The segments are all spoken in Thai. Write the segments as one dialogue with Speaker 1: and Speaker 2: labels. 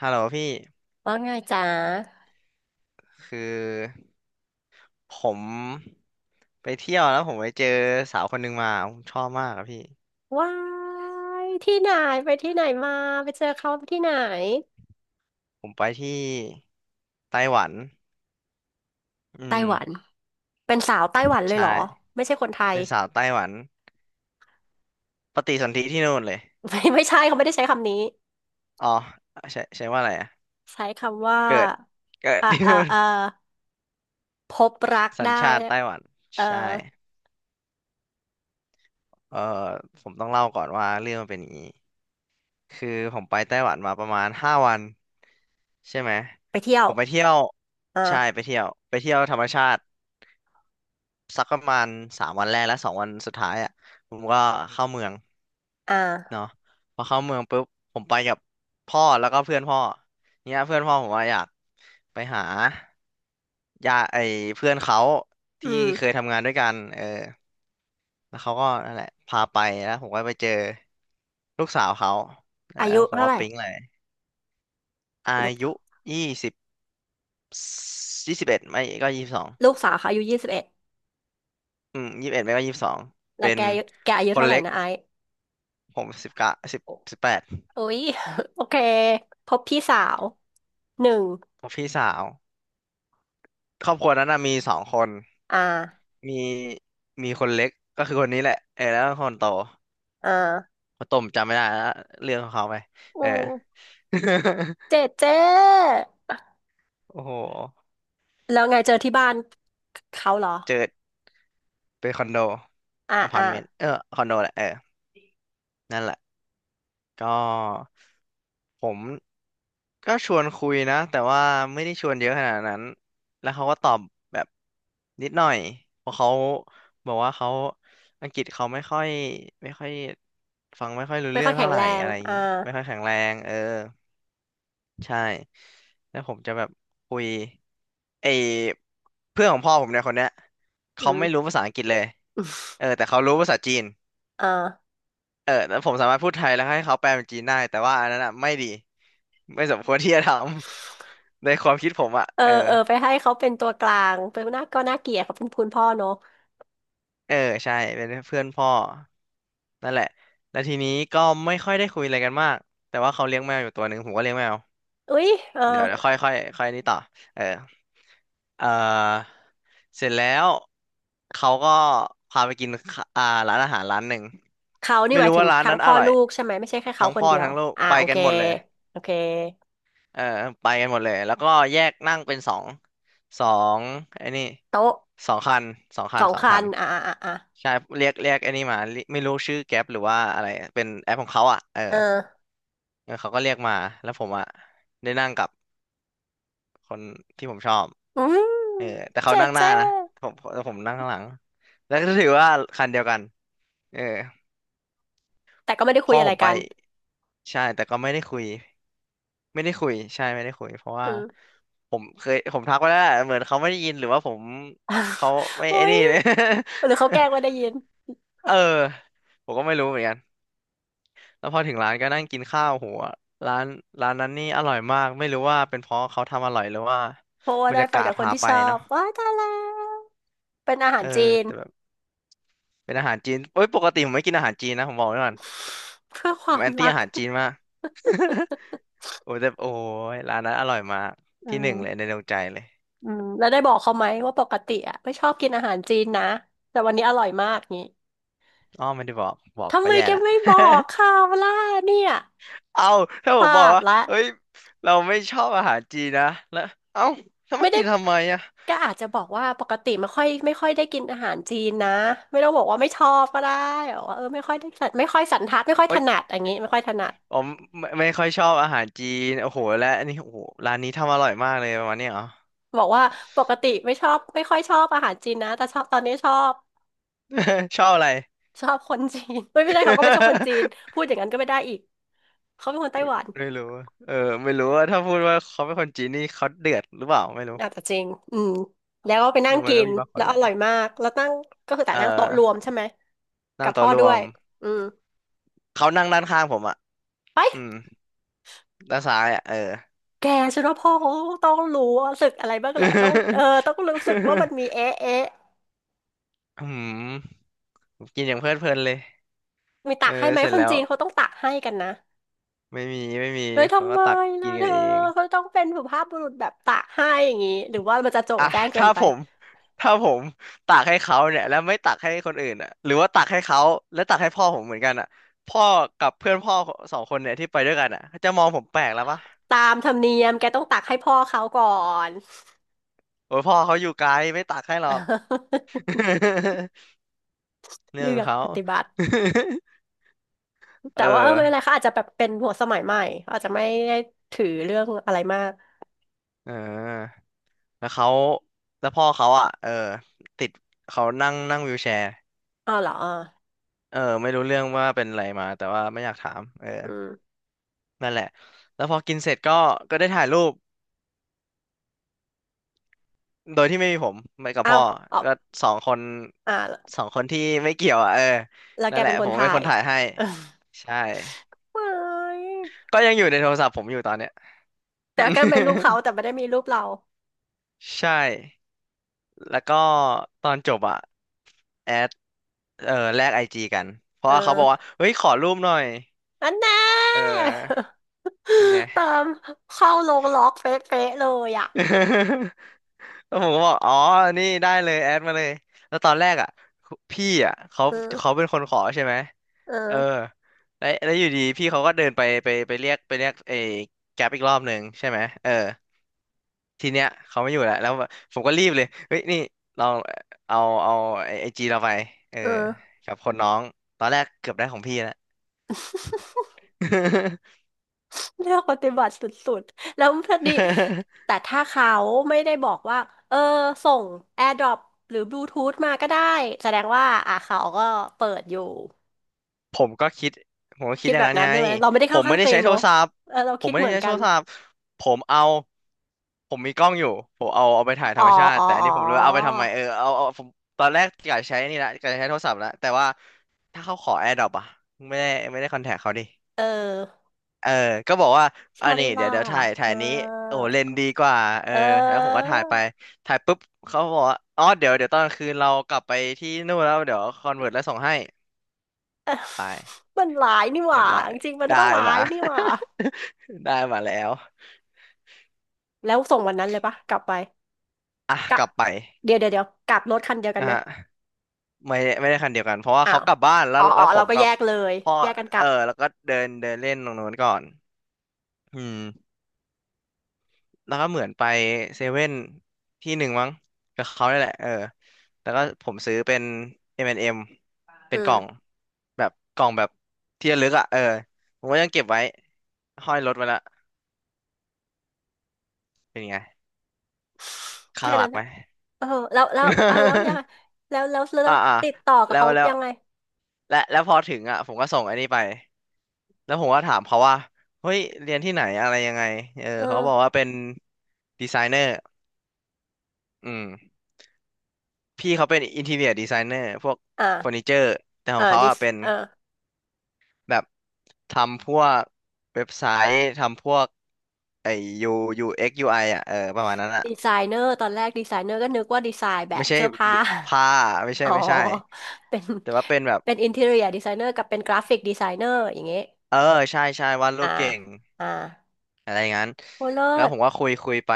Speaker 1: ฮัลโหลพี่
Speaker 2: ว่าไงจ๊ะ
Speaker 1: คือผมไปเที่ยวแล้วผมไปเจอสาวคนหนึ่งมาผมชอบมากอะพี่
Speaker 2: ว้ายที่ไหนไปที่ไหนมาไปเจอเขาที่ไหน
Speaker 1: ผมไปที่ไต้หวันอื
Speaker 2: ไต้
Speaker 1: ม
Speaker 2: หวันเป็นสาวไต้หวันเลย
Speaker 1: ใช่
Speaker 2: เหรอไม่ใช่คนไทย
Speaker 1: เป็นสาวไต้หวันปฏิสนธิที่นู่นเลย
Speaker 2: ไม่ใช่เขาไม่ได้ใช้คำนี้
Speaker 1: อ๋อใช่ใช่ว่าอะไรอะ
Speaker 2: ใช้คำว่า
Speaker 1: เกิดเกิด
Speaker 2: อ่า
Speaker 1: ที่
Speaker 2: อ่า
Speaker 1: นู่น
Speaker 2: อ่าพบรัก
Speaker 1: สัญ
Speaker 2: ได้
Speaker 1: ชาติไต้หวัน
Speaker 2: เอ่อ
Speaker 1: ใช่เออผมต้องเล่าก่อนว่าเรื่องมันเป็นอย่างนี้ คือผมไปไต้หวันมาประมาณ5 วันใช่ไหม
Speaker 2: ไปเที่ย
Speaker 1: ผ
Speaker 2: ว
Speaker 1: มไปเที่ยว
Speaker 2: อ่า
Speaker 1: ใช่ไปเที่ยวไปเที่ยวธรรมชาติสักประมาณ3 วันแรกและ2 วันสุดท้ายอ่ะผมก็เข้าเมือง
Speaker 2: อ่า
Speaker 1: เนาะพอเข้าเมืองปุ๊บผมไปกับพ่อแล้วก็เพื่อนพ่อเนี่ยเพื่อนพ่อผมว่าอยากไปหาญาไอเพื่อนเขา
Speaker 2: อื
Speaker 1: ที่
Speaker 2: ม
Speaker 1: เคยทำงานด้วยกันเออแล้วเขาก็นั่นแหละพาไปแล้วผมก็ไปเจอลูกสาวเขานั่น
Speaker 2: อา
Speaker 1: แหละ
Speaker 2: ยุ
Speaker 1: ผม
Speaker 2: เท่า
Speaker 1: ว่า
Speaker 2: ไหร่
Speaker 1: ปิ๊งเลย อา
Speaker 2: ลูก
Speaker 1: ยุ2021ไม่ก็ยี่สิบสอง
Speaker 2: ลูกสาวเขาอายุยี่สิบเอ็ด
Speaker 1: อืมยี่สิบเอ็ดไม่ก็ยี่สิบสอง
Speaker 2: แล้
Speaker 1: เป็
Speaker 2: ว
Speaker 1: น
Speaker 2: แกอายุ
Speaker 1: คน
Speaker 2: เท่าไหร่
Speaker 1: เล็ก
Speaker 2: นะไอซ์
Speaker 1: ผม1910
Speaker 2: โอ
Speaker 1: 18
Speaker 2: โอ้ย โอเคพบพี่สาวหนึ่ง
Speaker 1: ผมพี่สาวครอบครัวนั้นน่ะมีสองคน
Speaker 2: อ่า
Speaker 1: มีมีคนเล็กก็คือคนนี้แหละเออแล้วก็คนโต
Speaker 2: อ่า
Speaker 1: คนโตผมจำไม่ได้แล้วเรื่องของเขาไป
Speaker 2: อื
Speaker 1: เออ
Speaker 2: ม เจ๊เจ๊
Speaker 1: โอ้โห
Speaker 2: แล้วไงเจอที่บ้านเขาเหรอ
Speaker 1: เจอเป็นคอนโด
Speaker 2: อ่า
Speaker 1: อพา
Speaker 2: อ่า
Speaker 1: ร์ตเมนต์ เออ คอนโดแหละ เออนั่นแหละ ก็ผมก็ชวนคุยนะแต่ว่าไม่ได้ชวนเยอะขนาดนั้นแล้วเขาก็ตอบแบบนิดหน่อยเพราะเขาบอกว่าเขาอังกฤษเขาไม่ค่อยฟังไม่ค่อยรู้
Speaker 2: ไม่
Speaker 1: เรื่อ
Speaker 2: ค่อ
Speaker 1: ง
Speaker 2: ยแข็
Speaker 1: เท่า
Speaker 2: ง
Speaker 1: ไห
Speaker 2: แร
Speaker 1: ร่
Speaker 2: ง
Speaker 1: อะไรอย่าง
Speaker 2: อ่า
Speaker 1: งี้ไม่ค่อยแข็งแรงเออใช่แล้วผมจะแบบคุยไอเพื่อนของพ่อผมเนี่ยคนเนี้ย
Speaker 2: อื
Speaker 1: เขา
Speaker 2: ม
Speaker 1: ไม่รู้ภาษาอังกฤษเลย เออแต่เขารู้ภาษาจีน
Speaker 2: อ่า
Speaker 1: เออแล้วผมสามารถพูดไทยแล้วให้เขาแปลเป็นจีนได้แต่ว่าอันนั้นอ่ะไม่ดีไม่สมควรที่จะทำ ในความคิดผมอ่ะ
Speaker 2: เออ
Speaker 1: เออ
Speaker 2: เออไปให้เขาเป็นตัวกลางเป็นหน้าก็น่าเกลียดเขาเป็นคุณพ่อเนอะ
Speaker 1: เออใช่เป็นเพื่อนพ่อนั่นแหละแล้วทีนี้ก็ไม่ค่อยได้คุยอะไรกันมากแต่ว่าเขาเลี้ยงแมวอยู่ตัวหนึ่งผมก็เลี้ยงแมว
Speaker 2: อุ้ยเออ
Speaker 1: เดี๋ยวค่อยค่อยค่อยนี่ต่อเออเออเสร็จแล้วเขาก็พาไปกินข้าอ่าร้านอาหารร้านหนึ่ง
Speaker 2: เขานี่
Speaker 1: ไม่
Speaker 2: หมาย
Speaker 1: รู้
Speaker 2: ถึง
Speaker 1: ว่าร้าน
Speaker 2: ทั้ง
Speaker 1: นั้นอ
Speaker 2: พ่อ
Speaker 1: ร่อย
Speaker 2: ลูกใช่ไหมไม่ใช่แค่เขา
Speaker 1: ทั้ง
Speaker 2: คน
Speaker 1: พ่อ
Speaker 2: เดียว
Speaker 1: ทั้งลูกไป
Speaker 2: โอ
Speaker 1: กั
Speaker 2: เค
Speaker 1: นหมดเลย
Speaker 2: โอเค
Speaker 1: เออไปกันหมดเลยแล้วก็แยกนั่งเป็นสองไอ้นี่
Speaker 2: โต๊ะ
Speaker 1: สองคันสองคั
Speaker 2: ส
Speaker 1: น
Speaker 2: อง
Speaker 1: สอง
Speaker 2: คั
Speaker 1: คั
Speaker 2: น
Speaker 1: นใช่เรียกไอ้นี่มาเรียไม่รู้ชื่อแก๊ปหรือว่าอะไรเป็นแอปของเขาอ่ะเออ
Speaker 2: เออ
Speaker 1: เออเขาก็เรียกมาแล้วผมอ่ะได้นั่งกับคนที่ผมชอบ
Speaker 2: อืม
Speaker 1: เออแต่เขา
Speaker 2: เจ๊
Speaker 1: นั่งหน้า
Speaker 2: เจ๊
Speaker 1: นะแต่ผมนั่งข้างหลังแล้วก็ถือว่าคันเดียวกันเออ
Speaker 2: แต่ก็ไม่ได้คุ
Speaker 1: พ่
Speaker 2: ย
Speaker 1: อ
Speaker 2: อะ
Speaker 1: ผ
Speaker 2: ไร
Speaker 1: มไป
Speaker 2: กัน
Speaker 1: ใช่แต่ก็ไม่ได้คุย ไม่ได้คุยใช่ไม่ได้คุยเพราะ
Speaker 2: อื
Speaker 1: ว่า
Speaker 2: ม
Speaker 1: ผมเคยผมทักไปแล้วแหละเหมือนเขาไม่ได้ยินหรือว่าผมเขา ไม่
Speaker 2: โอ้
Speaker 1: ไอ้
Speaker 2: ย
Speaker 1: นี่
Speaker 2: หรือเขาแกล้งไม่ได้ ยิน
Speaker 1: เออผมก็ไม่รู้เหมือนกันแล้วพอถึงร้านก็นั่งกินข้าวโหัวร้านร้านนั้นนี่อร่อยมากไม่รู้ว่าเป็นเพราะเขาทำอร่อยหรือว่า
Speaker 2: เพราะว่า
Speaker 1: บรร
Speaker 2: ได้
Speaker 1: ยา
Speaker 2: ไป
Speaker 1: กาศ
Speaker 2: กับคน
Speaker 1: พา
Speaker 2: ที่
Speaker 1: ไป
Speaker 2: ชอบ
Speaker 1: เนาะ
Speaker 2: ว้ายตายแล้วเป็นอาหา
Speaker 1: เอ
Speaker 2: ร
Speaker 1: อ
Speaker 2: จีน
Speaker 1: แต่แบบเป็นอาหารจีนเอ้ยปกติผมไม่กินอาหารจีนนะผมบอกไว้ก่อน
Speaker 2: เพื่อค
Speaker 1: ผ
Speaker 2: วา
Speaker 1: ม
Speaker 2: ม
Speaker 1: แอนตี้
Speaker 2: รัก
Speaker 1: อาหารจีนมาก โอ้แต่โอ้ยร้านนั้นอร่อยมาก
Speaker 2: อื
Speaker 1: ที่หนึ่ง
Speaker 2: ม
Speaker 1: เลยในดวงใจเลย
Speaker 2: อืมแล้วได้บอกเขาไหมว่าปกติอะไม่ชอบกินอาหารจีนนะแต่วันนี้อร่อยมากงี้
Speaker 1: อ้อไม่ได้บอกบอก
Speaker 2: ทำ
Speaker 1: ก็
Speaker 2: ไม
Speaker 1: แย่
Speaker 2: แก
Speaker 1: ละ
Speaker 2: ไม่บอ กเขาล่ะเนี่ย
Speaker 1: เอาถ้า
Speaker 2: พ
Speaker 1: ผมบอ
Speaker 2: ลา
Speaker 1: ก
Speaker 2: ด
Speaker 1: ว่า
Speaker 2: ละ
Speaker 1: เฮ้ยเราไม่ชอบอาหารจีนนะแล้วเอ้าแล้ว
Speaker 2: ไม่
Speaker 1: มา
Speaker 2: ได้
Speaker 1: กินทำไมอ่ะ
Speaker 2: ก็อาจจะบอกว่าปกติไม่ค่อยได้กินอาหารจีนนะไม่ต้องบอกว่าไม่ชอบก็ได้บอกว่าเออไม่ค่อยได้สันไม่ค่อยสันทัดไม่ค่อยถ
Speaker 1: เอ้ย
Speaker 2: นัดอย่างงี้ไม่ค่อยถนัด
Speaker 1: ผมไม่ค่อยชอบอาหารจีนโอ้โหและอันนี้โอ้โหร้านนี้ทำอร่อยมากเลยประมาณเนี้ยเหรอ
Speaker 2: บอกว่าปกติไม่ชอบไม่ค่อยชอบอาหารจีนนะแต่ชอบตอนนี้ชอบ
Speaker 1: ชอบอะไร
Speaker 2: ชอบคนจีน ไม่ได้เขาก็ไม่ใช่คนจีนพูดอย่างนั้นก็ไม่ได้อีกเขาเป็นคนไต้หวัน
Speaker 1: ไม่รู้อะเออไม่รู้ว่าถ้าพูดว่าเขาเป็นคนจีนนี่เขาเดือดหรือเปล่าไม่รู้
Speaker 2: อะแต่จริงอืมแล้วก็ไปนั่
Speaker 1: นึ
Speaker 2: ง
Speaker 1: กมัน
Speaker 2: กิ
Speaker 1: ก็
Speaker 2: น
Speaker 1: มีบางค
Speaker 2: แล้
Speaker 1: น
Speaker 2: ว
Speaker 1: แห
Speaker 2: อ
Speaker 1: ละ
Speaker 2: ร่อยมากแล้วนั่งก็คือ
Speaker 1: เอ
Speaker 2: แต่
Speaker 1: อ
Speaker 2: นั่งโต๊ะรวมใช่ไหม
Speaker 1: นั่
Speaker 2: กั
Speaker 1: ง
Speaker 2: บพ่
Speaker 1: โต๊ะ
Speaker 2: อ
Speaker 1: ร
Speaker 2: ด้
Speaker 1: ว
Speaker 2: วย
Speaker 1: ม
Speaker 2: อืม
Speaker 1: เขานั่งด้านข้างผมอ่ะอื
Speaker 2: ไป
Speaker 1: มด้านซ้ายอ่ะเออ
Speaker 2: แกฉันว่าพ่อเขาต้องรู้สึกอะไรบ้างแหละต้องเออต้องรู้สึกว่ามันมีเอ๊ะ
Speaker 1: อืมผมกินอย่างเพลิดเพลินเลย
Speaker 2: มีตั
Speaker 1: เออ
Speaker 2: กให้ไหม
Speaker 1: เสร็จ
Speaker 2: คน
Speaker 1: แล้ว
Speaker 2: จีนเขาต้องตักให้กันนะ
Speaker 1: ไม่มีไม่มี
Speaker 2: เลย
Speaker 1: เขา
Speaker 2: ทำ
Speaker 1: ก็
Speaker 2: ไม
Speaker 1: ตักกิ
Speaker 2: ล่ะ
Speaker 1: น
Speaker 2: เธ
Speaker 1: กัน
Speaker 2: อ
Speaker 1: เอง
Speaker 2: เขาต้องเป็นสุภาพบุรุษแบบตักให้อย่างงี้หรือว่ามันจะโจ่ง
Speaker 1: อ่ะ
Speaker 2: แจ้ง เกิ
Speaker 1: ถ้า
Speaker 2: นไป
Speaker 1: ผมถ้าผมตักให้เขาเนี่ยแล้วไม่ตักให้คนอื่นอ่ะหรือว่าตักให้เขาแล้วตักให้พ่อผมเหมือนกันอ่ะพ่อกับเพื่อนพ่อสองคนเนี่ยที่ไปด้วยกันอ่ะจะมองผมแปลกแล้วปะ
Speaker 2: ตามธรรมเนียมแกต้องตักให้พ่อเขาก่อน
Speaker 1: โอ้ยพ่อเขาอยู่ไกลไม่ตักให้ห ร
Speaker 2: อ่า
Speaker 1: อก เรื่อ
Speaker 2: เลื
Speaker 1: งขอ
Speaker 2: อ
Speaker 1: ง
Speaker 2: ก
Speaker 1: เขา
Speaker 2: ปฏิบัติ แต่
Speaker 1: เออ
Speaker 2: ว่าเออไม่เป็นไรค่ะอาจจะแบบเป็นหัวสมัยใหม่เขาอาจจะไม่ได้ถือเรื่องอะไรมาก
Speaker 1: เออแล้วเขาแล้วพ่อเขาอ่ะเออติดเขานั่งนั่งวีลแชร์
Speaker 2: อ้าวเหรออ่า
Speaker 1: เออไม่รู้เรื่องว่าเป็นอะไรมาแต่ว่าไม่อยากถามเออ
Speaker 2: อืม
Speaker 1: นั่นแหละแล้วพอกินเสร็จก็ได้ถ่ายรูป โดยที่ไม่มีผมไปกับ
Speaker 2: อ้า
Speaker 1: พ่
Speaker 2: ว
Speaker 1: อ
Speaker 2: อ๋อ
Speaker 1: ก็สองคน
Speaker 2: อ่าแ
Speaker 1: สองคนที่ไม่เกี่ยวอ่ะเออ
Speaker 2: ล้วแก
Speaker 1: นั่นแห
Speaker 2: เป็
Speaker 1: ละ
Speaker 2: นค
Speaker 1: ผ
Speaker 2: น
Speaker 1: มเป็
Speaker 2: ถ่า
Speaker 1: นค
Speaker 2: ย
Speaker 1: นถ่ายให้
Speaker 2: เออ
Speaker 1: ใช่
Speaker 2: ว้าย
Speaker 1: ก็ยังอยู่ในโทรศัพท์ผมอยู่ตอนเนี้ย
Speaker 2: แต่แกเป็นรูปเขา แต่ไม่ได้มีรูปเรา
Speaker 1: ใช่แล้วก็ตอนจบอ่ะแอดเออแลกไอจีกัน เพ
Speaker 2: เ
Speaker 1: ราะว่าเขาบอกว่า
Speaker 2: ออ
Speaker 1: เฮ้ยขอรูปหน่อย
Speaker 2: อันแน่
Speaker 1: เออเป็นไง
Speaker 2: ตามเข้าลงล็อกเฟะๆเลยอ่ะ
Speaker 1: แล้วผมก็บอกอ๋อนี่ได้เลยแอดมาเลยแล้วตอนแรกอ่ะพี่อ่ะเขาเขา
Speaker 2: เออ
Speaker 1: เป็นคนขอใช่ไหม
Speaker 2: เออ
Speaker 1: เออแล้วอยู่ดีพี่เขาก็เดินไปเรียกไอ้แก๊ปอีกรอบหนึ่งใช่ไหมเออทีเนี้ยเขาไม่อยู่แล้วผมก็รีบเลยเฮ้ยนี่ลองเอาเอาไอจีเราไปเออ
Speaker 2: เออ
Speaker 1: กับคนน้องตอนแรกเกือบได้ของพี่แล้ว
Speaker 2: เลือกปฏิบัติสุดๆ แล้วพอดี แต่ถ้าเขาไม่ได้บอกว่าเออส่ง AirDrop หรือบลูทูธมาก็ได้แสดงว่าอ่ะเขาก็เปิดอยู่
Speaker 1: ผมก็คิดผมก็คิ
Speaker 2: คิ
Speaker 1: ด
Speaker 2: ด
Speaker 1: อย่า
Speaker 2: แบ
Speaker 1: ง
Speaker 2: บ
Speaker 1: นั้น
Speaker 2: นั้
Speaker 1: ไง
Speaker 2: นใช่ไหมเราไม่ได้
Speaker 1: ผ
Speaker 2: เข้า
Speaker 1: ม
Speaker 2: ข้า
Speaker 1: ไม่
Speaker 2: ง
Speaker 1: ได้
Speaker 2: ตัวเอ
Speaker 1: ใช้
Speaker 2: ง
Speaker 1: โท
Speaker 2: เน
Speaker 1: ร
Speaker 2: อะ
Speaker 1: ศัพท์
Speaker 2: เออเรา
Speaker 1: ผม
Speaker 2: คิด
Speaker 1: ไม่
Speaker 2: เห
Speaker 1: ได้
Speaker 2: มือน
Speaker 1: ใช้
Speaker 2: กั
Speaker 1: โท
Speaker 2: น
Speaker 1: รศัพท์ผมเอาผมมีกล้องอยู่ผมเอาไปถ่ายธ
Speaker 2: อ๋
Speaker 1: ร
Speaker 2: อ
Speaker 1: รมชาติ
Speaker 2: อ๋อ
Speaker 1: แต่อัน
Speaker 2: อ๋อ
Speaker 1: นี้ผมเลยเอาไปทำไมเออเอาผมตอนแรกอยากใช้นี่ละอยากใช้โทรศัพท์ละแต่ว่าถ้าเขาขอ AirDrop อ่ะไม่ได้คอนแทคเขาดิ
Speaker 2: เออ
Speaker 1: เออก็บอกว่า
Speaker 2: ฉ
Speaker 1: อั
Speaker 2: ลา
Speaker 1: น
Speaker 2: ด
Speaker 1: นี้เดี๋ย
Speaker 2: มา
Speaker 1: วเดี๋ยวถ่ายนี้โอ้โห
Speaker 2: ก
Speaker 1: เลนส์ดีกว่าเอ
Speaker 2: เอ
Speaker 1: อ
Speaker 2: อ
Speaker 1: แล้วผมก็ถ่ายไปถ่ายปุ๊บเขาบอกว่าอ๋อเดี๋ยวตอนกลางคืนเรากลับไปที่นู่นแล้วเดี๋ยวคอนเวิร์ตแล้วส่งให้ไป
Speaker 2: มันหลายนี่ห
Speaker 1: เรีย
Speaker 2: ว่า
Speaker 1: บร้อย
Speaker 2: จริงๆมันก็
Speaker 1: ได้
Speaker 2: หลา
Speaker 1: มา
Speaker 2: ยนี่หว่า
Speaker 1: ได้มาแล้ว
Speaker 2: แล้วส่งวันนั้นเลยปะกลับไป
Speaker 1: อ่ะ
Speaker 2: กลั
Speaker 1: ก
Speaker 2: บ
Speaker 1: ลับไป
Speaker 2: เดี๋ยวกลับรถคันเดียวกัน
Speaker 1: นะ
Speaker 2: ไหม
Speaker 1: ฮะไม่ได้คันเดียวกันเพราะว่า
Speaker 2: อ้า
Speaker 1: เขา
Speaker 2: ว
Speaker 1: กลับบ้านแล้
Speaker 2: อ๋
Speaker 1: ว
Speaker 2: ออ๋อ
Speaker 1: ผ
Speaker 2: เรา
Speaker 1: ม
Speaker 2: ก็
Speaker 1: กั
Speaker 2: แย
Speaker 1: บ
Speaker 2: กเลย
Speaker 1: พ่อ
Speaker 2: แยกกันกลั
Speaker 1: เออ
Speaker 2: บ
Speaker 1: แล้วก็เดินเดินเล่นตรงโน้นก่อนอืมแล้วก็เหมือนไปเซเว่นที่หนึ่งมั้งกับเขาได้แหละเออแล้วก็ผมซื้อเป็น M&M เอ็ม
Speaker 2: เอ
Speaker 1: เป็นกล่อง
Speaker 2: อ
Speaker 1: แบบกล่องแบบที่ระลึกอ่ะเออผมก็ยังเก็บไว้ห้อยรถไว้ละเป็นไง
Speaker 2: แค่
Speaker 1: ข้างหลั
Speaker 2: นั้
Speaker 1: ก
Speaker 2: น
Speaker 1: ไหม
Speaker 2: นะเออแล้วอ้าวแล้วยั งไงแล้วแล้วแล้
Speaker 1: อ่า
Speaker 2: ว
Speaker 1: อ่า
Speaker 2: ติดต่อกับ
Speaker 1: แล้ว
Speaker 2: เขา
Speaker 1: แล้ว
Speaker 2: ยังไง
Speaker 1: และแล้วพอถึงอ่ะผมก็ส่งอันนี้ไปแล้วผมก็ถามเขาว่าเฮ้ยเรียนที่ไหนอะไรยังไงเออ
Speaker 2: เอ
Speaker 1: เขาบอก
Speaker 2: อ
Speaker 1: ว่าเป็นดีไซเนอร์อืมพี่เขาเป็นอินทีเรียดีไซเนอร์พวกเฟอร์นิ
Speaker 2: อ่า
Speaker 1: เจอร์แต่ของเขา
Speaker 2: ดี
Speaker 1: อ่ะเป็น
Speaker 2: เอา
Speaker 1: แบบทำพวกเว็บไซต์ทำพวกไอ้ยูยูเอ็กยูไออ่ะเออประมาณนั้นอ่ะ
Speaker 2: ดีไซเนอร์ตอนแรกดีไซเนอร์ก็นึกว่าดีไซน์แบ
Speaker 1: ไม่
Speaker 2: บ
Speaker 1: ใช่
Speaker 2: เสื้อผ้า
Speaker 1: ผ้า
Speaker 2: อ๋อ
Speaker 1: ไม่ใช่
Speaker 2: เป็น
Speaker 1: แต่ว่าเป็นแบบ
Speaker 2: เป็นอินทีเรียดีไซเนอร์กับเป็นกราฟิกดีไซเนอร์อย่างเงี้ย
Speaker 1: เออใช่วาดรู
Speaker 2: อ่า
Speaker 1: ปเก่ง
Speaker 2: อ่า
Speaker 1: อะไรงั้น
Speaker 2: โอ้เลิ
Speaker 1: แล้ว
Speaker 2: ศ
Speaker 1: ผมก็คุยไป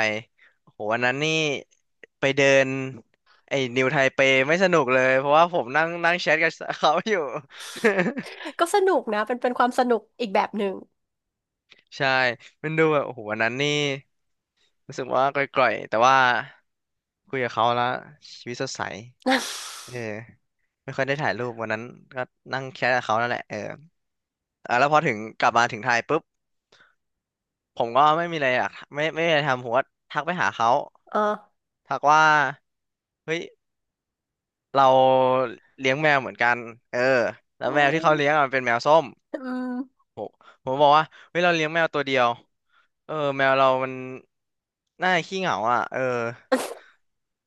Speaker 1: โหวันนั้นนี่ไปเดินไอ้นิวไทเปไม่สนุกเลยเพราะว่าผมนั่งนั่งแชทกับเขาอยู่
Speaker 2: ก็สนุกนะเป็นเป็นความสนุกอีกแบบหนึ่ง
Speaker 1: ใช่มันดูแบบโอ้โหวันนั้นนี่รู้สึกว่ากร่อยๆแต่ว่าคุยกับเขาแล้วชีวิตสดใสเออ ไม่ค่อยได้ถ่ายรูปวันนั้นก็นั่งแชทกับเขานั่นแหละเอออ่ะแล้วพอถึงกลับมาถึงไทยปุ๊บผมก็ไม่มีอะไรอยากไม่มีอะไรทำผมก็ทักไปหาเขา
Speaker 2: เออ
Speaker 1: ทักว่าเฮ้ย เราเลี้ยงแมวเหมือนกันเออแล้ว
Speaker 2: โอ้
Speaker 1: แมว
Speaker 2: ย
Speaker 1: ที่เขาเลี้ยงอะมันเป็นแมวส้ม
Speaker 2: อืม
Speaker 1: โหผมบอกว่าเฮ้ยเราเลี้ยงแมวตัวเดียวเออแมวเรามันน่าขี้เหงาอ่ะเออ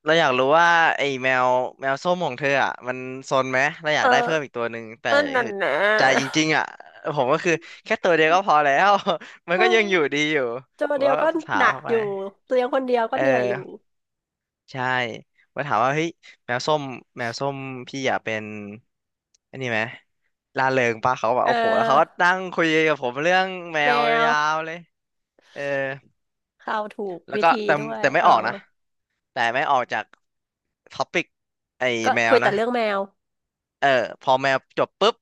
Speaker 1: เราอยากรู้ว่าไอ้แมวส้มของเธออ่ะมันซนไหม เราอ
Speaker 2: เอ
Speaker 1: ยา
Speaker 2: อ
Speaker 1: กได้เพิ่มอีกตัวหนึ่ง แต่
Speaker 2: เ่อนั่น
Speaker 1: คือ
Speaker 2: นะ
Speaker 1: ใจจริงๆอ่ะผมก็คือแค่ตัวเดียวก็พอแล้ว มั น
Speaker 2: เ
Speaker 1: ก็ยังอยู่ดี
Speaker 2: ออ
Speaker 1: อยู่
Speaker 2: ตัว
Speaker 1: ผม
Speaker 2: เดีย
Speaker 1: ก็
Speaker 2: วก็
Speaker 1: ถา
Speaker 2: ห
Speaker 1: ม
Speaker 2: นัก
Speaker 1: เข้า
Speaker 2: อ
Speaker 1: ไป
Speaker 2: ยู่เลี้ยงคนเดียวก็
Speaker 1: เอ
Speaker 2: เหนื่อยอ
Speaker 1: อ
Speaker 2: ยู่
Speaker 1: ใช่มาถามว่าเฮ้ยแมวส้มแมวส้มพี่อยากเป็นอันนี้ไหมร่าเริงปะเขาแบบ
Speaker 2: เอ
Speaker 1: โอ้โหแล้วเขาก็
Speaker 2: อ
Speaker 1: นั่งคุยกับผมเรื่องแม
Speaker 2: แม
Speaker 1: ว
Speaker 2: ว
Speaker 1: ยาวเลยเออ
Speaker 2: เข้าถูก
Speaker 1: แล้ว
Speaker 2: วิ
Speaker 1: ก็
Speaker 2: ธีด้วย
Speaker 1: แต่ไม่
Speaker 2: เออ
Speaker 1: ออกนะแต่ไม่ออกจากท็อปิกไอ้
Speaker 2: ก็
Speaker 1: แม
Speaker 2: คุ
Speaker 1: ว
Speaker 2: ยแต่
Speaker 1: นะ
Speaker 2: เรื่องแมว
Speaker 1: เออพอแมวจบปุ๊บ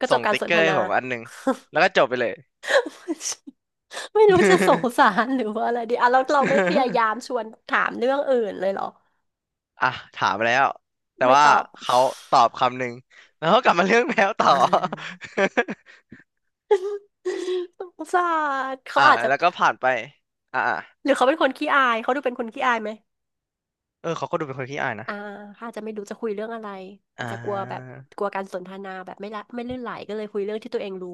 Speaker 2: ก็จ
Speaker 1: ส่
Speaker 2: บ
Speaker 1: ง
Speaker 2: การ
Speaker 1: ติ๊ก
Speaker 2: สน
Speaker 1: เก
Speaker 2: ท
Speaker 1: อร์
Speaker 2: นา
Speaker 1: ให้ผมอันหนึ่งแล้วก็จบไปเลย
Speaker 2: ไม่รู้จะสงสารหรือว่าอะไรดีอ่ะเราไม่พยายามชวนถามเรื่องอื่นเลยเหรอ
Speaker 1: อ่ะถามแล้วแต่
Speaker 2: ไม่
Speaker 1: ว่า
Speaker 2: ตอบ
Speaker 1: เขาตอบคำหนึ่งแล้วก็กลับมาเรื่องแมวต่อ
Speaker 2: อืม สงสารเขา
Speaker 1: อ่า
Speaker 2: อาจจะ
Speaker 1: แล้วก็ผ่านไปอ่า
Speaker 2: หรือเขาเป็นคนขี้อายเขาดูเป็นคนขี้อายไหม
Speaker 1: เออเขาก็ดูเป็นคนขี้อายนะ
Speaker 2: อ่าเขาอาจจะไม่รู้จะคุยเรื่องอะไรอา
Speaker 1: อ่
Speaker 2: จจะกลัวแบบ
Speaker 1: า
Speaker 2: กลัวการสนทนาแบบไม่ลื่นไหลก็เลยคุยเรื่องที่ตัวเองรู้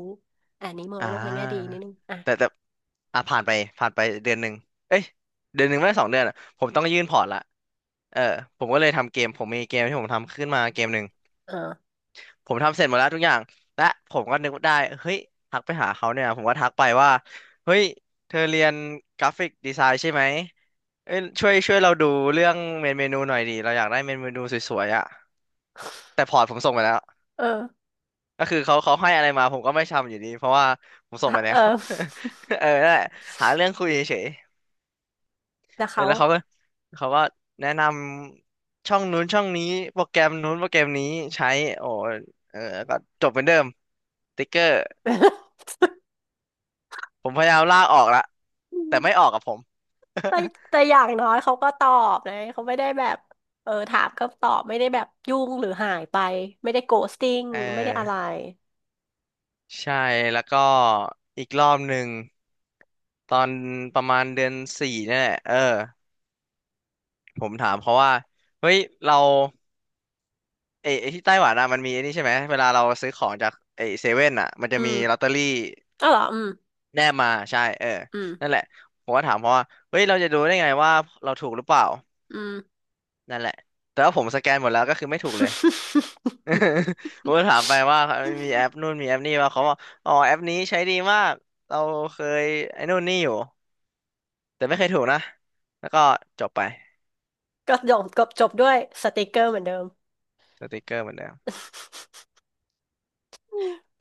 Speaker 2: อ่านี้มอง
Speaker 1: อ่
Speaker 2: โลกในแง่ดี
Speaker 1: า
Speaker 2: นิดนึงอ่ะ
Speaker 1: แต่อ่าผ่านไปผ่านไปเดือนหนึ่งเอ้ยเดือนหนึ่งไม่สองเดือนอ่ะผมต้องยื่นพอร์ตละเออผมก็เลยทำเกมผมมีเกมที่ผมทำขึ้นมาเกมหนึ่ง
Speaker 2: เออ
Speaker 1: ผมทำเสร็จหมดแล้วทุกอย่างและผมก็นึกได้เฮ้ยทักไปหาเขาเนี่ยผมก็ทักไปว่าเฮ้ยเธอเรียนกราฟิกดีไซน์ใช่ไหมเอ้ยช่วยเราดูเรื่องเมนูหน่อยดิเราอยากได้เมนูสวยๆอ่ะแต่พอร์ตผมส่งไปแล้ว
Speaker 2: เออ
Speaker 1: ก็คือเขาให้อะไรมาผมก็ไม่ทำอยู่ดีเพราะว่าผมส่งไปแล้
Speaker 2: เออ
Speaker 1: ว เออนั่นแหละหาเรื่องคุยเฉย
Speaker 2: แล้ว
Speaker 1: ๆเออ
Speaker 2: เขา
Speaker 1: แล้วเขาก็เขาก็แนะนำช่องนู้นช่องนี้โปรแกรมนู้นโปรแกรมนี้ใช้โอ้เออก็จบเหมือนเดิมติ๊กเกอร์ ผมพยายามลากออกละแต่ไม่ออกกับผม
Speaker 2: แต่ แต่อย่างน้อยเขาก็ตอบนะเขาไม่ได้แบบเออถามก็ตอบไม่ได้แบบยุ่งหรือหายไปไม่ได้โกสติ้ง
Speaker 1: เอ
Speaker 2: ไม่ได้อะไร
Speaker 1: อใช่แล้วก็อีกรอบหนึ่งตอนประมาณเดือนสี่เนี่ยแหละเออผมถามเขาว่าเฮ้ยเรา เอไอที่ไต้หวันอ่ะมันมีไอ้นี่ใช่ไหมเวลาเราซื้อของจากไอเซเว่นอ่ะมันจะ
Speaker 2: อื
Speaker 1: มีลอต
Speaker 2: ม
Speaker 1: เตอรี่
Speaker 2: อ๋อเหรออืม
Speaker 1: แนบมาใช่เออ
Speaker 2: อื
Speaker 1: นั่น
Speaker 2: ม
Speaker 1: แหละผมก็ถามเพราะว่าเฮ้ยเราจะดูได้ไงว่าเราถูกหรือเปล่า
Speaker 2: อืม
Speaker 1: นั่นแหละแต่ว่าผมสแกนหมดแล้วก็คือไม่ถูกเลย ผมก็ถามไปว่ามีแอปนู่นมีแอปนี่ว่าเขาบอกอ๋อแอปนี้ใช้ดีมากเราเคยไอ้นู่นนี่อยู่แต่ไม่เคยถูกนะแล้วก็จบไป
Speaker 2: ก็จบก็จบด้วยสติกเกอร์เหมือนเดิม
Speaker 1: สติกเกอร์เหมือนเดิม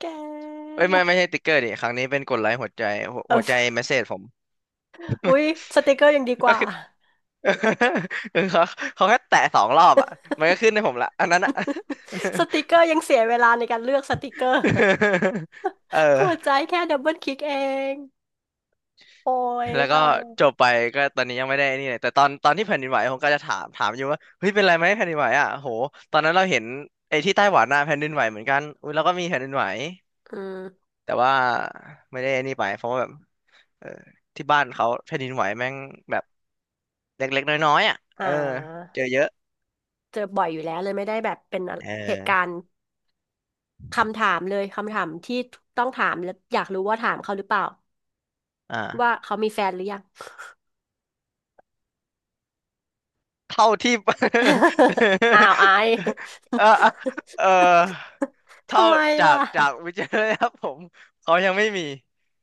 Speaker 2: แก
Speaker 1: เอ้ยไม่ใช่สติกเกอร์ดิครั้งนี้เป็นกดไลค์หัวใจหัวใจ
Speaker 2: เออ
Speaker 1: เมสเซจผม
Speaker 2: อุ๊ยสติกเกอร์ยังดีก
Speaker 1: ก็
Speaker 2: ว่า
Speaker 1: คือ เขา เขาแค่แตะสองรอบอ่ะมันก็ขึ้นให้ผมละอันนั้นอ่ะ
Speaker 2: สติกเกอร์ยังเสียเวลาในการเลือกสติกเกอร์
Speaker 1: เออ
Speaker 2: หัวใจแค่ดับเบิลคลิกเองโอ้ย
Speaker 1: แล้วก็
Speaker 2: ตายเลย
Speaker 1: จบไปก็ตอนนี้ยังไม่ได้นี่เลยแต่ตอนที่แผ่นดินไหวผมก็จะถามอยู่ว่าเฮ้ยเป็นไรไหมแผ่นดินไหวอ่ะโหตอนนั้นเราเห็นไอ้ที่ไต้หวันน่ะแผ่นดินไหวเหมือนกันอุ้ยเราก็มีแผ่นดินไหว
Speaker 2: อืม
Speaker 1: แต่ว่าไม่ได้นี่ไปเพราะว่าแบบเออที่บ้านเขาแผ่นดินไหวแม่งแบบเล็กๆน้อยๆอ่ะ
Speaker 2: อ่
Speaker 1: เออ
Speaker 2: า
Speaker 1: เจอเยอะ
Speaker 2: เจอบ่อยอยู่แล้วเลยไม่ได้แบบเป็น
Speaker 1: เอ
Speaker 2: เหตุการ
Speaker 1: อ
Speaker 2: ณ์คำถามเลยคำถามที่ต้องถามแล้วอยากรู้ว่าถามเขาหรือเปล่าว่า
Speaker 1: อ่า
Speaker 2: เขามีแฟนหรือยัง
Speaker 1: เท่าที่
Speaker 2: อ้าวไอาย
Speaker 1: เออเอ อเท่า
Speaker 2: ทำไม
Speaker 1: จาก
Speaker 2: ล่ะ
Speaker 1: จากวิจัยนะครับผมเขายังไม่มี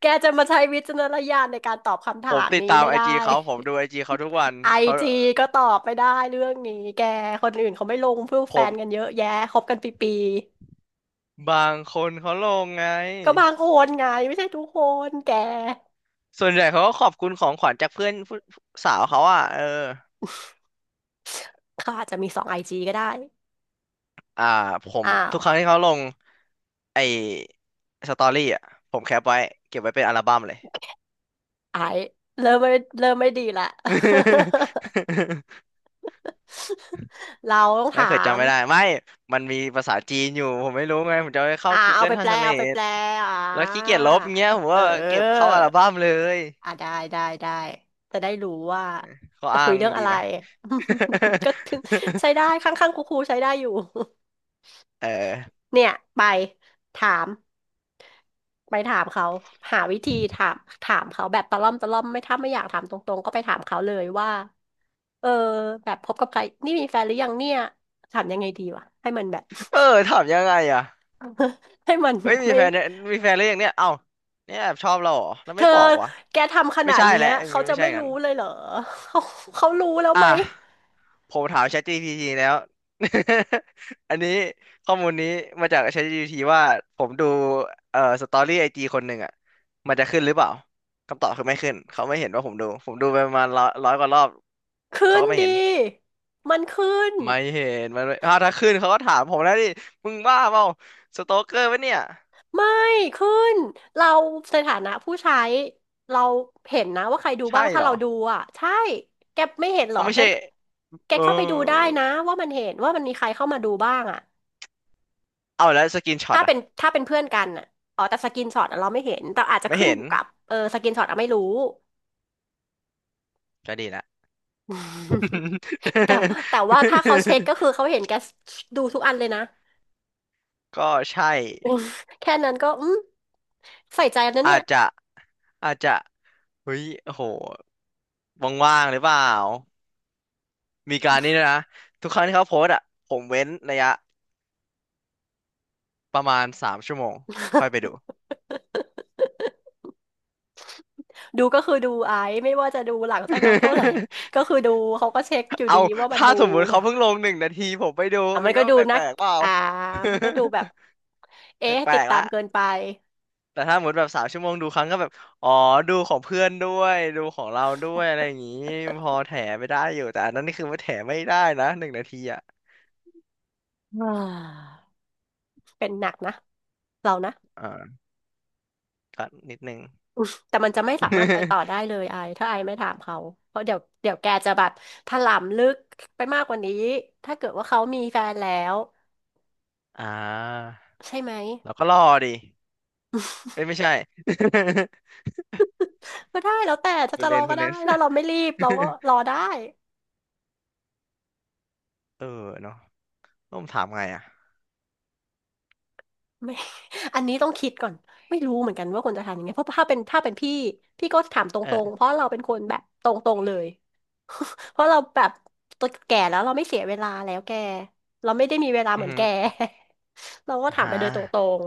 Speaker 2: แกจะมาใช้วิจารณญาณในการตอบคำ
Speaker 1: ผ
Speaker 2: ถา
Speaker 1: ม
Speaker 2: ม
Speaker 1: ติด
Speaker 2: นี้
Speaker 1: ตาม
Speaker 2: ไม่
Speaker 1: ไอ
Speaker 2: ได้
Speaker 1: จีเขาผมดูไอจีเขาทุกวัน
Speaker 2: ไอ
Speaker 1: เขา
Speaker 2: จีก็ตอบไม่ได้เรื่องนี้แกคนอื่นเขาไม่ลงเพื่อ
Speaker 1: ผ
Speaker 2: แฟนกัน
Speaker 1: ม
Speaker 2: เยอะแยะคบกันปี
Speaker 1: บางคนเขาลงไง
Speaker 2: ๆก็บางคนไงไม่ใช่ทุกคนแก
Speaker 1: ส่วนใหญ่เขาก็ขอบคุณของขวัญจากเพื่อนผู้สาวเขาอ่ะเออ
Speaker 2: เขาอาจจะมีสองไอจีก็ได้
Speaker 1: อ่าผม
Speaker 2: อ้า
Speaker 1: ทุ
Speaker 2: ว
Speaker 1: กครั้งที่เขาลงไอสตอรี่อ่ะผมแคปไว้เก็บไว้เป็นอัลบั้มเลย
Speaker 2: ไอเริ่มไม่เริ่มไม่ดีละ เราต้อง
Speaker 1: ไม่
Speaker 2: ถา
Speaker 1: เผื่อ
Speaker 2: ม
Speaker 1: จำไม่ได้ไม่มันมีภาษาจีนอยู่ผมไม่รู้ไงผมจะไปเข้า
Speaker 2: อ่าเอา
Speaker 1: Google
Speaker 2: ไปแปลเอาไปแป
Speaker 1: Translate
Speaker 2: ลอ่า
Speaker 1: แล้วขี้เกียจลบเงี้ยผม
Speaker 2: เออ
Speaker 1: ว่าเก็บเข้าอัลบั้มเลย
Speaker 2: อ่ะได้ได้ได้จะได้รู้ว่า
Speaker 1: เขา
Speaker 2: จะ
Speaker 1: อ้า
Speaker 2: คุย
Speaker 1: ง
Speaker 2: เรื่อง
Speaker 1: ดี
Speaker 2: อะไร
Speaker 1: ไหม
Speaker 2: ก็คือใช้ได้ ข้างๆครูๆใช้ได้อยู่
Speaker 1: เออ
Speaker 2: เนี่ยไปถามไปถามเขาหาวิธีถามถามเขาแบบตะล่อมตะล่อมไม่ถ้าไม่อยากถามตรงๆก็ไปถามเขาเลยว่าเออแบบพบกับใครนี่มีแฟนหรือยังเนี่ยถามยังไงดีวะให้มันแบบ
Speaker 1: เออถามยังไงอ่ะ
Speaker 2: ให้มันแบ
Speaker 1: เฮ้ย
Speaker 2: บ
Speaker 1: มี
Speaker 2: ไม่
Speaker 1: แฟนเนี่ยมีแฟนหรือยังเนี่ยเอ้าเนี่ยแอบชอบเราเหรอแล้ว
Speaker 2: เธ
Speaker 1: ไม่
Speaker 2: อ
Speaker 1: บอกวะ
Speaker 2: แกทำข
Speaker 1: ไม่
Speaker 2: นาด
Speaker 1: ใช่
Speaker 2: เนี้
Speaker 1: แห
Speaker 2: ย
Speaker 1: ละอย่าง
Speaker 2: เขา
Speaker 1: งี้มัน
Speaker 2: จะ
Speaker 1: ไม่ใช่
Speaker 2: ไม่
Speaker 1: งั้
Speaker 2: รู้
Speaker 1: น
Speaker 2: เลยเหรอ เขาเขารู้แล้ว
Speaker 1: อ่ะ
Speaker 2: ไหม
Speaker 1: ผมถาม ChatGPT แล้ว อันนี้ข้อมูลนี้มาจาก ChatGPT ว่าผมดูสตอรี่ไอจีคนหนึ่งอ่ะมันจะขึ้นหรือเปล่าคำตอบคือไม่ขึ้นเขาไม่เห็นว่าผมดูผมดูไปประมาณร้อยกว่ารอบ
Speaker 2: ขึ้
Speaker 1: เขา
Speaker 2: น
Speaker 1: ก็ไม่
Speaker 2: ดี
Speaker 1: เห็น
Speaker 2: มันขึ้น
Speaker 1: ไม่เห็นมันไม่อ้าวถ้าขึ้นเขาก็ถามผมแล้วดิมึงบ้าเปล่าสโตเกอร์ปะเนี่ย
Speaker 2: ไม่ขึ้นเราในฐานะผู้ใช้เราเห็นนะว่าใครดู
Speaker 1: ใช่
Speaker 2: บ้าง ถ้า
Speaker 1: เหรอ
Speaker 2: เราดูอ่ะใช่แกไม่เห็นเหร
Speaker 1: เอา
Speaker 2: อ
Speaker 1: ไม่
Speaker 2: แก
Speaker 1: ใช่
Speaker 2: แก
Speaker 1: เออ
Speaker 2: เข้าไปดูได้นะว่ามันเห็นว่ามันมีใครเข้ามาดูบ้างอ่ะ
Speaker 1: เอาแล้วสกินช็อต
Speaker 2: ถ้า
Speaker 1: อ่ะ
Speaker 2: เป็นถ้าเป็นเพื่อนกันอ่ะอ๋อแต่สกรนช็อตอะเราไม่เห็นแต่อาจจะ
Speaker 1: ไม่
Speaker 2: ขึ้น
Speaker 1: เห็
Speaker 2: อ
Speaker 1: น
Speaker 2: ยู่กับเออสกินช็อตอะไม่รู้
Speaker 1: ก็ดีละ
Speaker 2: แต่แต่ว่าถ้าเขาเช็คก็คือเขาเห็นแกดูทุกอันเลยนะ
Speaker 1: ก็ใช่
Speaker 2: แค่นั้นก็อืมใส่ใจนะเนี่
Speaker 1: อา
Speaker 2: ย
Speaker 1: จจะ อาจจะเฮ้ยโอ้โหว่างๆหรือเปล่า มีการนี้ด้วยนะทุกครั้งที่เขาโพสต์อ่ะผมเว้นระยะประมาณสามชั่วโมงค่อยไปดู
Speaker 2: ดูก็คือดูไอซ์ไม่ว่าจะดูหลังจากนั้นเท่าไหร่ ก็คือดูเขาก็เช็คอยู่
Speaker 1: เอา
Speaker 2: ดีว่ามัน
Speaker 1: ถ้า
Speaker 2: ดู
Speaker 1: สมมติเขาเพิ่งลงหนึ่งนาทีผมไปดู
Speaker 2: อ่ะมั
Speaker 1: มั
Speaker 2: น
Speaker 1: น
Speaker 2: ก็
Speaker 1: ก็
Speaker 2: ดู
Speaker 1: แป
Speaker 2: นั
Speaker 1: ล
Speaker 2: ก
Speaker 1: กๆเปล่า
Speaker 2: อ่า มันก็ดูแบบ
Speaker 1: แป
Speaker 2: เอ๊ะ
Speaker 1: ล
Speaker 2: ติด
Speaker 1: กๆ
Speaker 2: ตาม
Speaker 1: ละ
Speaker 2: เกินไป
Speaker 1: แต่ถ้าหมดแบบสามชั่วโมงดูครั้งก็แบบอ๋อดูของเพื่อนด้วยดูของเราด้วยอะไรอย่างงี้พอแถไปได้อยู่แต่อันนั้นนี่คือว่าแถไม่ได้นะหนึ่งนาทีอ่ะ
Speaker 2: อ่าเป็นหนักนะเรานะ
Speaker 1: อ่าก็นิดนึง
Speaker 2: อืมแต่มันจะไม่สามารถไปต่อได้ เลยไอถ้าไอไม่ถามเขาเพราะเดี๋ยวแกจะแบบถลำลึกไปมากกว่านี้ถ้าเกิดว่าเขามีแฟนแล้ว
Speaker 1: อ่า
Speaker 2: ใช่ไหม
Speaker 1: เราก็รอดิเอ้ยไม่ใช่
Speaker 2: ก็ได้แล้วแต่จะ
Speaker 1: คุณ
Speaker 2: จะ
Speaker 1: เล
Speaker 2: รอ
Speaker 1: น
Speaker 2: ก็
Speaker 1: คุณเล
Speaker 2: ได้
Speaker 1: น
Speaker 2: ถ้าเราไม่รีบเราก็ รอได้
Speaker 1: เออเนาะต้องถามไงอ่ะ
Speaker 2: ไม่ อันนี้ต้องคิดก่อน ไม่รู้เหมือนกันว่าควรจะทำยังไงเพราะถ้าเป็นพี่ พี่ก็ถามตรงๆ เพ
Speaker 1: เออ
Speaker 2: ราะเราเป็นคนแบบตรงๆเลย เพราะเราแบบตัวแก่แล้วเราไม่เสียเวลาแล้วแกเราไม่ได้มีเวลา
Speaker 1: อื
Speaker 2: เห
Speaker 1: อ
Speaker 2: มือน
Speaker 1: หื
Speaker 2: แก
Speaker 1: อ
Speaker 2: เราก็ถาม
Speaker 1: หา
Speaker 2: ไปเลยตรง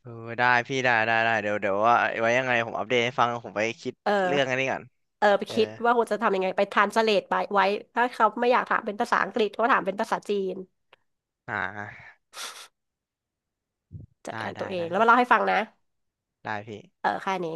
Speaker 1: เออได้พี่ได้ได้ได้ เดี๋ยวเดี๋ยวว่าไว้ยังไงผมอัปเดตให้ฟัง ผมไปคิด
Speaker 2: ๆเอ
Speaker 1: เรื่องอัน
Speaker 2: อ
Speaker 1: นี้ก่อน
Speaker 2: เออไป
Speaker 1: เออ
Speaker 2: คิดว่าควรจะทำยังไงไปทรานสเลทไปไว้ถ้าเขาไม่อยากถามเป็นภาษาอังกฤษก็ถามเป็นภาษาจีน
Speaker 1: อ่า
Speaker 2: จัด
Speaker 1: ได้
Speaker 2: การตั
Speaker 1: ได้
Speaker 2: วเอง
Speaker 1: ได้
Speaker 2: แล้วมาเล่าให้ฟังนะ
Speaker 1: ได้พี่
Speaker 2: เออแค่นี้